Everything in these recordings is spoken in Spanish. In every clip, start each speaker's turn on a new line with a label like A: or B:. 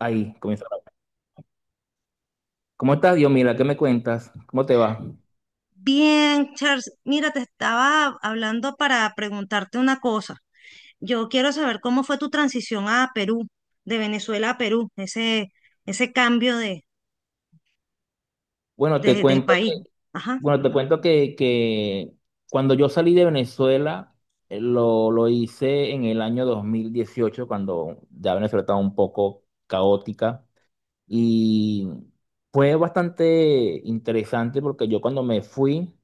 A: Ahí comienza. ¿Cómo estás, Dios? Mira, ¿qué me cuentas? ¿Cómo te va?
B: Bien, Charles, mira, te estaba hablando para preguntarte una cosa. Yo quiero saber cómo fue tu transición a Perú, de Venezuela a Perú, ese cambio de,
A: Bueno, te
B: de, de
A: cuento que,
B: país. Ajá.
A: bueno, te cuento que, que cuando yo salí de Venezuela, lo hice en el año 2018, cuando ya Venezuela estaba un poco caótica. Y fue bastante interesante porque yo cuando me fui,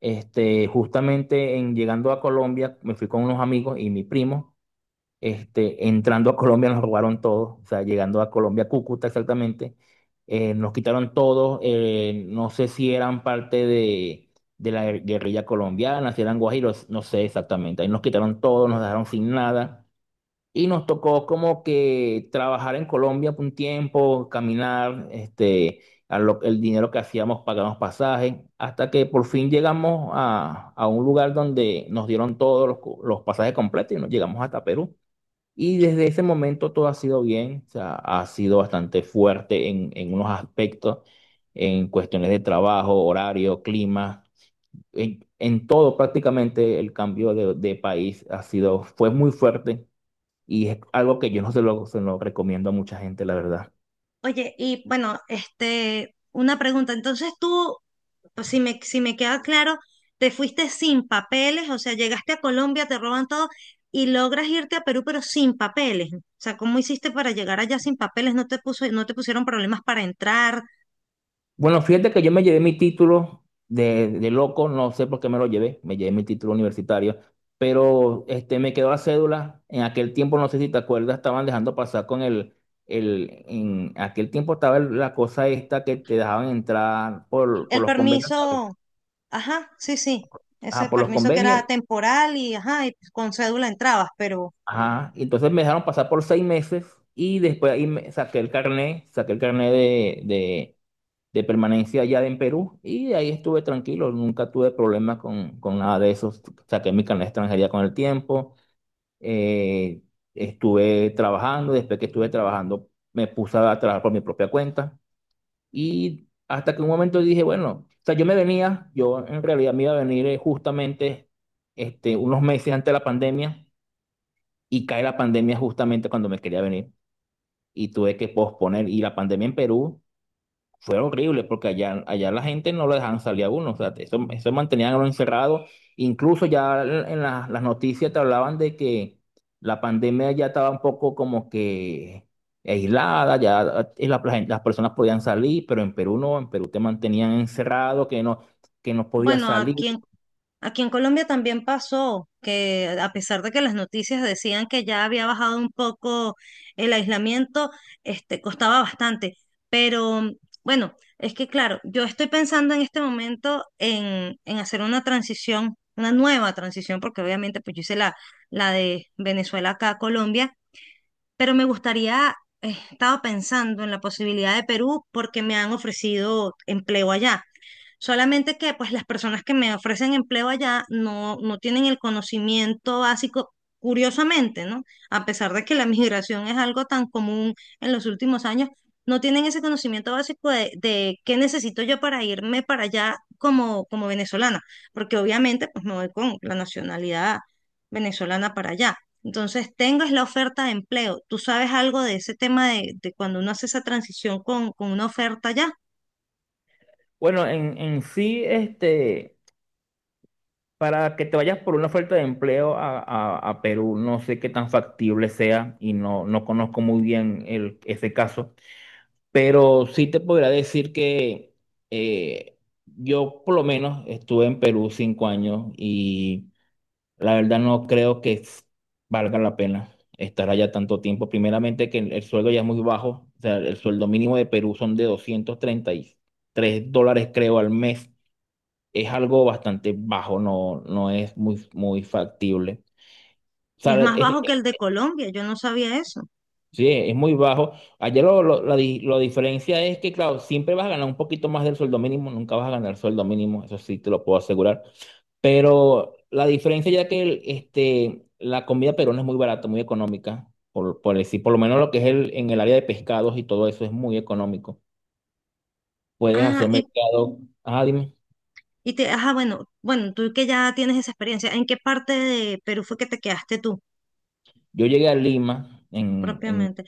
A: este, justamente en llegando a Colombia, me fui con unos amigos y mi primo. Este, entrando a Colombia nos robaron todo, o sea, llegando a Colombia, Cúcuta exactamente, nos quitaron todo, no sé si eran parte de la guerrilla colombiana, si eran guajiros, no sé exactamente, ahí nos quitaron todo, nos dejaron sin nada. Y nos tocó como que trabajar en Colombia por un tiempo, caminar, este, el dinero que hacíamos pagamos pasajes, hasta que por fin llegamos a un lugar donde nos dieron todos los pasajes completos y nos llegamos hasta Perú. Y desde ese momento todo ha sido bien, o sea, ha sido bastante fuerte en unos aspectos, en cuestiones de trabajo, horario, clima, en todo prácticamente el cambio de país fue muy fuerte y es algo que yo no se lo recomiendo a mucha gente, la verdad.
B: Oye, y bueno, este, una pregunta. Entonces tú, pues, si me queda claro, te fuiste sin papeles, o sea, llegaste a Colombia, te roban todo y logras irte a Perú, pero sin papeles. O sea, ¿cómo hiciste para llegar allá sin papeles? ¿No te pusieron problemas para entrar?
A: Bueno, fíjate que yo me llevé mi título de loco, no sé por qué me lo llevé, me llevé mi título universitario, pero este, me quedó la cédula. En aquel tiempo, no sé si te acuerdas, estaban dejando pasar con el en aquel tiempo estaba el- la cosa esta que te dejaban entrar por
B: El
A: los convenios,
B: permiso, ajá, sí, sí,
A: ajá,
B: ese
A: por los
B: permiso que
A: convenios,
B: era temporal y ajá, y con cédula entrabas, pero
A: ajá, y entonces me dejaron pasar por 6 meses y después ahí me saqué el carnet de permanencia allá en Perú y ahí estuve tranquilo, nunca tuve problemas con nada de eso, saqué mi carnet de extranjería con el tiempo, eh, estuve trabajando, después que estuve trabajando me puse a trabajar por mi propia cuenta y hasta que un momento dije, bueno, o sea, yo en realidad me iba a venir justamente este, unos meses antes de la pandemia y cae la pandemia justamente cuando me quería venir y tuve que posponer y la pandemia en Perú fue horrible porque allá la gente no lo dejaban salir a uno, o sea, eso mantenían a uno encerrado. Incluso ya en las noticias te hablaban de que la pandemia ya estaba un poco como que aislada, ya las personas podían salir, pero en Perú no, en Perú te mantenían encerrado, que no podías
B: bueno,
A: salir.
B: aquí en Colombia también pasó que a pesar de que las noticias decían que ya había bajado un poco el aislamiento, este, costaba bastante, pero bueno, es que claro, yo estoy pensando en este momento en hacer una transición, una nueva transición, porque obviamente pues yo hice la de Venezuela acá a Colombia, pero me gustaría, he estado pensando en la posibilidad de Perú porque me han ofrecido empleo allá. Solamente que pues las personas que me ofrecen empleo allá no tienen el conocimiento básico, curiosamente, ¿no? A pesar de que la migración es algo tan común en los últimos años, no tienen ese conocimiento básico de qué necesito yo para irme para allá como, como venezolana, porque obviamente pues me voy con la nacionalidad venezolana para allá. Entonces, tengas la oferta de empleo. ¿Tú sabes algo de ese tema de cuando uno hace esa transición con una oferta allá?
A: Bueno, en sí, este, para que te vayas por una oferta de empleo a Perú, no sé qué tan factible sea y no conozco muy bien ese caso. Pero sí te podría decir que eh, yo por lo menos estuve en Perú 5 años y la verdad no creo que valga la pena estar allá tanto tiempo. Primeramente que el sueldo ya es muy bajo, o sea, el sueldo mínimo de Perú son de $233 creo al mes. Es algo bastante bajo, no es muy, muy factible. O
B: Es
A: sea,
B: más bajo que el de Colombia, yo no sabía eso.
A: Sí, es muy bajo. Allá la diferencia es que, claro, siempre vas a ganar un poquito más del sueldo mínimo, nunca vas a ganar sueldo mínimo, eso sí te lo puedo asegurar. Pero la diferencia ya que este, la comida peruana es muy barata, muy económica, por decir, por lo menos lo que es en el área de pescados y todo eso es muy económico. Puedes hacer
B: Ah,
A: mercado. Ah, dime.
B: y te, ajá, bueno, bueno, tú que ya tienes esa experiencia, ¿en qué parte de Perú fue que te quedaste tú
A: Yo llegué a Lima.
B: propiamente?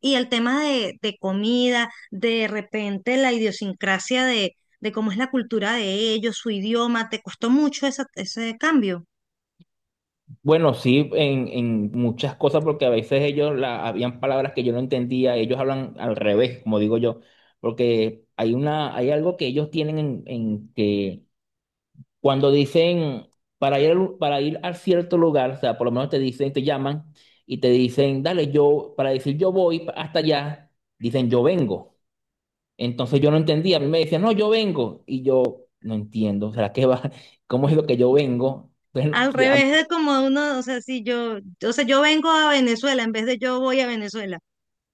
B: Y el tema de comida, de repente la idiosincrasia de cómo es la cultura de ellos, su idioma, ¿te costó mucho ese cambio?
A: Bueno, sí, en muchas cosas, porque a veces ellos habían palabras que yo no entendía, ellos hablan al revés, como digo yo, porque hay hay algo que ellos tienen en que cuando dicen para ir a cierto lugar, o sea, por lo menos te dicen, te llaman y te dicen, dale, yo, para decir yo voy hasta allá, dicen yo vengo. Entonces yo no entendía, a mí me decían, no, yo vengo, y yo no entiendo, o sea, ¿qué va? ¿Cómo es lo que yo vengo?
B: Al
A: Entonces,
B: revés de como uno, o sea, si yo, o sea, yo vengo a Venezuela en vez de yo voy a Venezuela.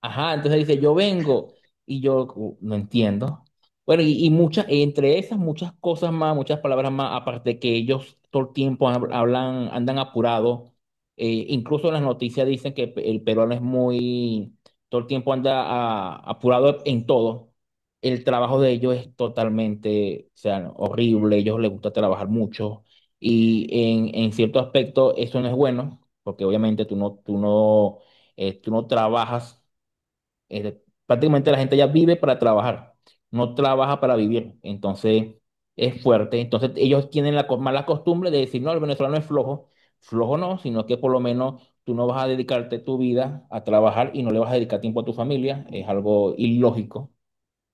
A: ajá, entonces dice, yo vengo y yo no entiendo." Bueno, y muchas, entre esas muchas cosas más, muchas palabras más, aparte que ellos todo el tiempo hablan, andan apurados, incluso en las noticias dicen que el peruano es todo el tiempo anda apurado en todo. El trabajo de ellos es totalmente, o sea, no, horrible, a ellos les gusta trabajar mucho y en cierto aspecto eso no es bueno, porque obviamente tú no trabajas este, prácticamente la gente ya vive para trabajar, no trabaja para vivir. Entonces es fuerte. Entonces ellos tienen la mala costumbre de decir, no, el venezolano es flojo. Flojo no, sino que por lo menos tú no vas a dedicarte tu vida a trabajar y no le vas a dedicar tiempo a tu familia. Es algo ilógico,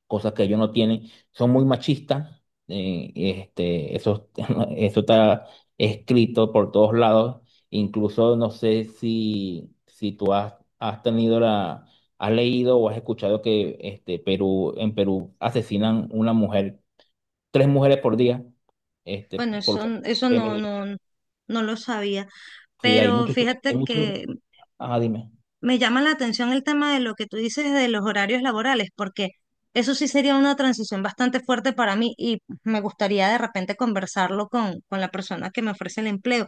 A: cosas que ellos no tienen, son muy machistas, este, eso, eso está escrito por todos lados, incluso no sé si tú has leído o has escuchado que en Perú asesinan una mujer, tres mujeres por día, este,
B: Bueno,
A: por
B: eso, eso no,
A: feminicidio.
B: no, no lo sabía.
A: Sí,
B: Pero
A: hay
B: fíjate
A: muchos,
B: que
A: ah, dime.
B: me llama la atención el tema de lo que tú dices de los horarios laborales, porque eso sí sería una transición bastante fuerte para mí y me gustaría de repente conversarlo con la persona que me ofrece el empleo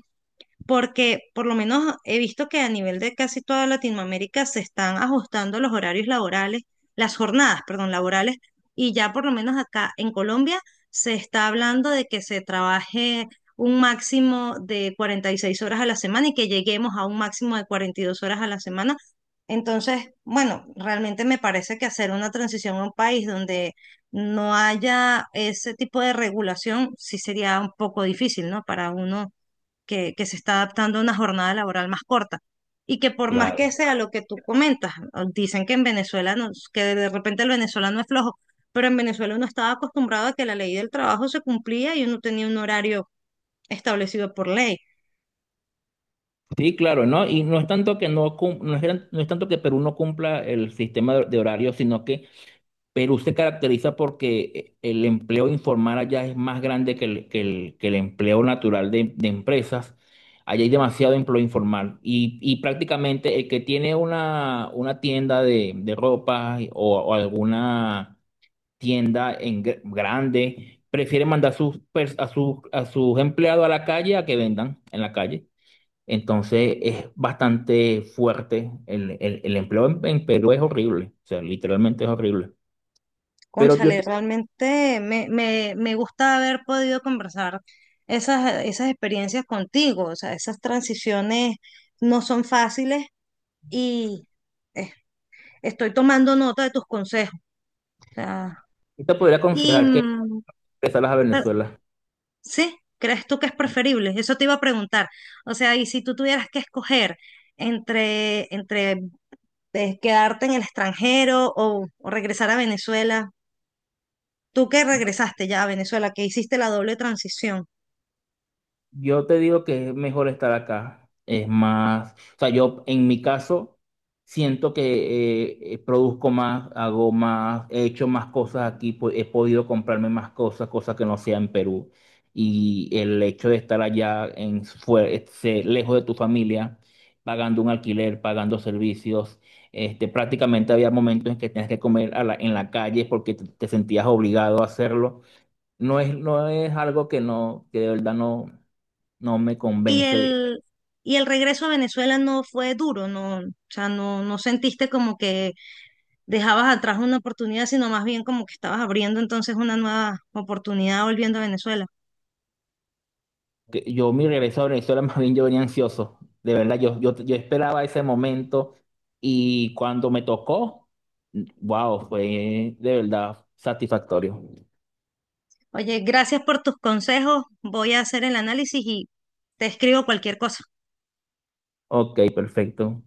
B: porque por lo menos he visto que a nivel de casi toda Latinoamérica se están ajustando los horarios laborales, las jornadas, perdón, laborales, y ya por lo menos acá en Colombia se está hablando de que se trabaje un máximo de 46 horas a la semana y que lleguemos a un máximo de 42 horas a la semana. Entonces, bueno, realmente me parece que hacer una transición a un país donde no haya ese tipo de regulación sí sería un poco difícil, ¿no? Para uno que se está adaptando a una jornada laboral más corta. Y que por más que
A: Claro.
B: sea lo que tú comentas, o dicen que en Venezuela, no- que de repente el venezolano es flojo, pero en Venezuela uno estaba acostumbrado a que la ley del trabajo se cumplía y uno tenía un horario establecido por ley.
A: Sí, claro, ¿no? Y no es tanto que no es, no es tanto que Perú no cumpla el sistema de horario, sino que Perú se caracteriza porque el empleo informal allá es más grande que el empleo natural de empresas. Allá hay demasiado empleo informal y prácticamente el que tiene una tienda de ropa o alguna tienda en grande prefiere mandar sus pers- a sus empleados a la calle a que vendan en la calle. Entonces es bastante fuerte. El empleo en Perú es horrible, o sea, literalmente es horrible. Pero yo
B: Cónchale, realmente me gusta haber podido conversar esas experiencias contigo, o sea, esas transiciones no son fáciles y eh, estoy tomando nota de tus consejos. O sea,
A: Yo te podría
B: y,
A: aconsejar que
B: mm,
A: regresaras a Venezuela.
B: sí, ¿crees tú que es preferible? Eso te iba a preguntar. O sea, y si tú tuvieras que escoger entre quedarte en el extranjero o regresar a Venezuela, tú que
A: Yo,
B: regresaste ya a Venezuela, que hiciste la doble transición,
A: yo te digo que es mejor estar acá. Es más, o sea, yo en mi caso siento que produzco más, hago más, he hecho más cosas aquí, he podido comprarme más cosas, cosas que no sea en Perú. Y el hecho de estar allá lejos de tu familia, pagando un alquiler, pagando servicios. Este, prácticamente había momentos en que tenías que comer en la calle porque te sentías obligado a hacerlo. No es algo que de verdad no me
B: y
A: convence.
B: el, y el regreso a Venezuela no fue duro, no, o sea, no sentiste como que dejabas atrás una oportunidad, sino más bien como que estabas abriendo entonces una nueva oportunidad volviendo a Venezuela.
A: Que yo mi regreso a Venezuela, más bien yo venía ansioso. De verdad, yo esperaba ese momento y cuando me tocó, wow, fue de verdad satisfactorio.
B: Oye, gracias por tus consejos. Voy a hacer el análisis y te escribo cualquier cosa.
A: Ok, perfecto.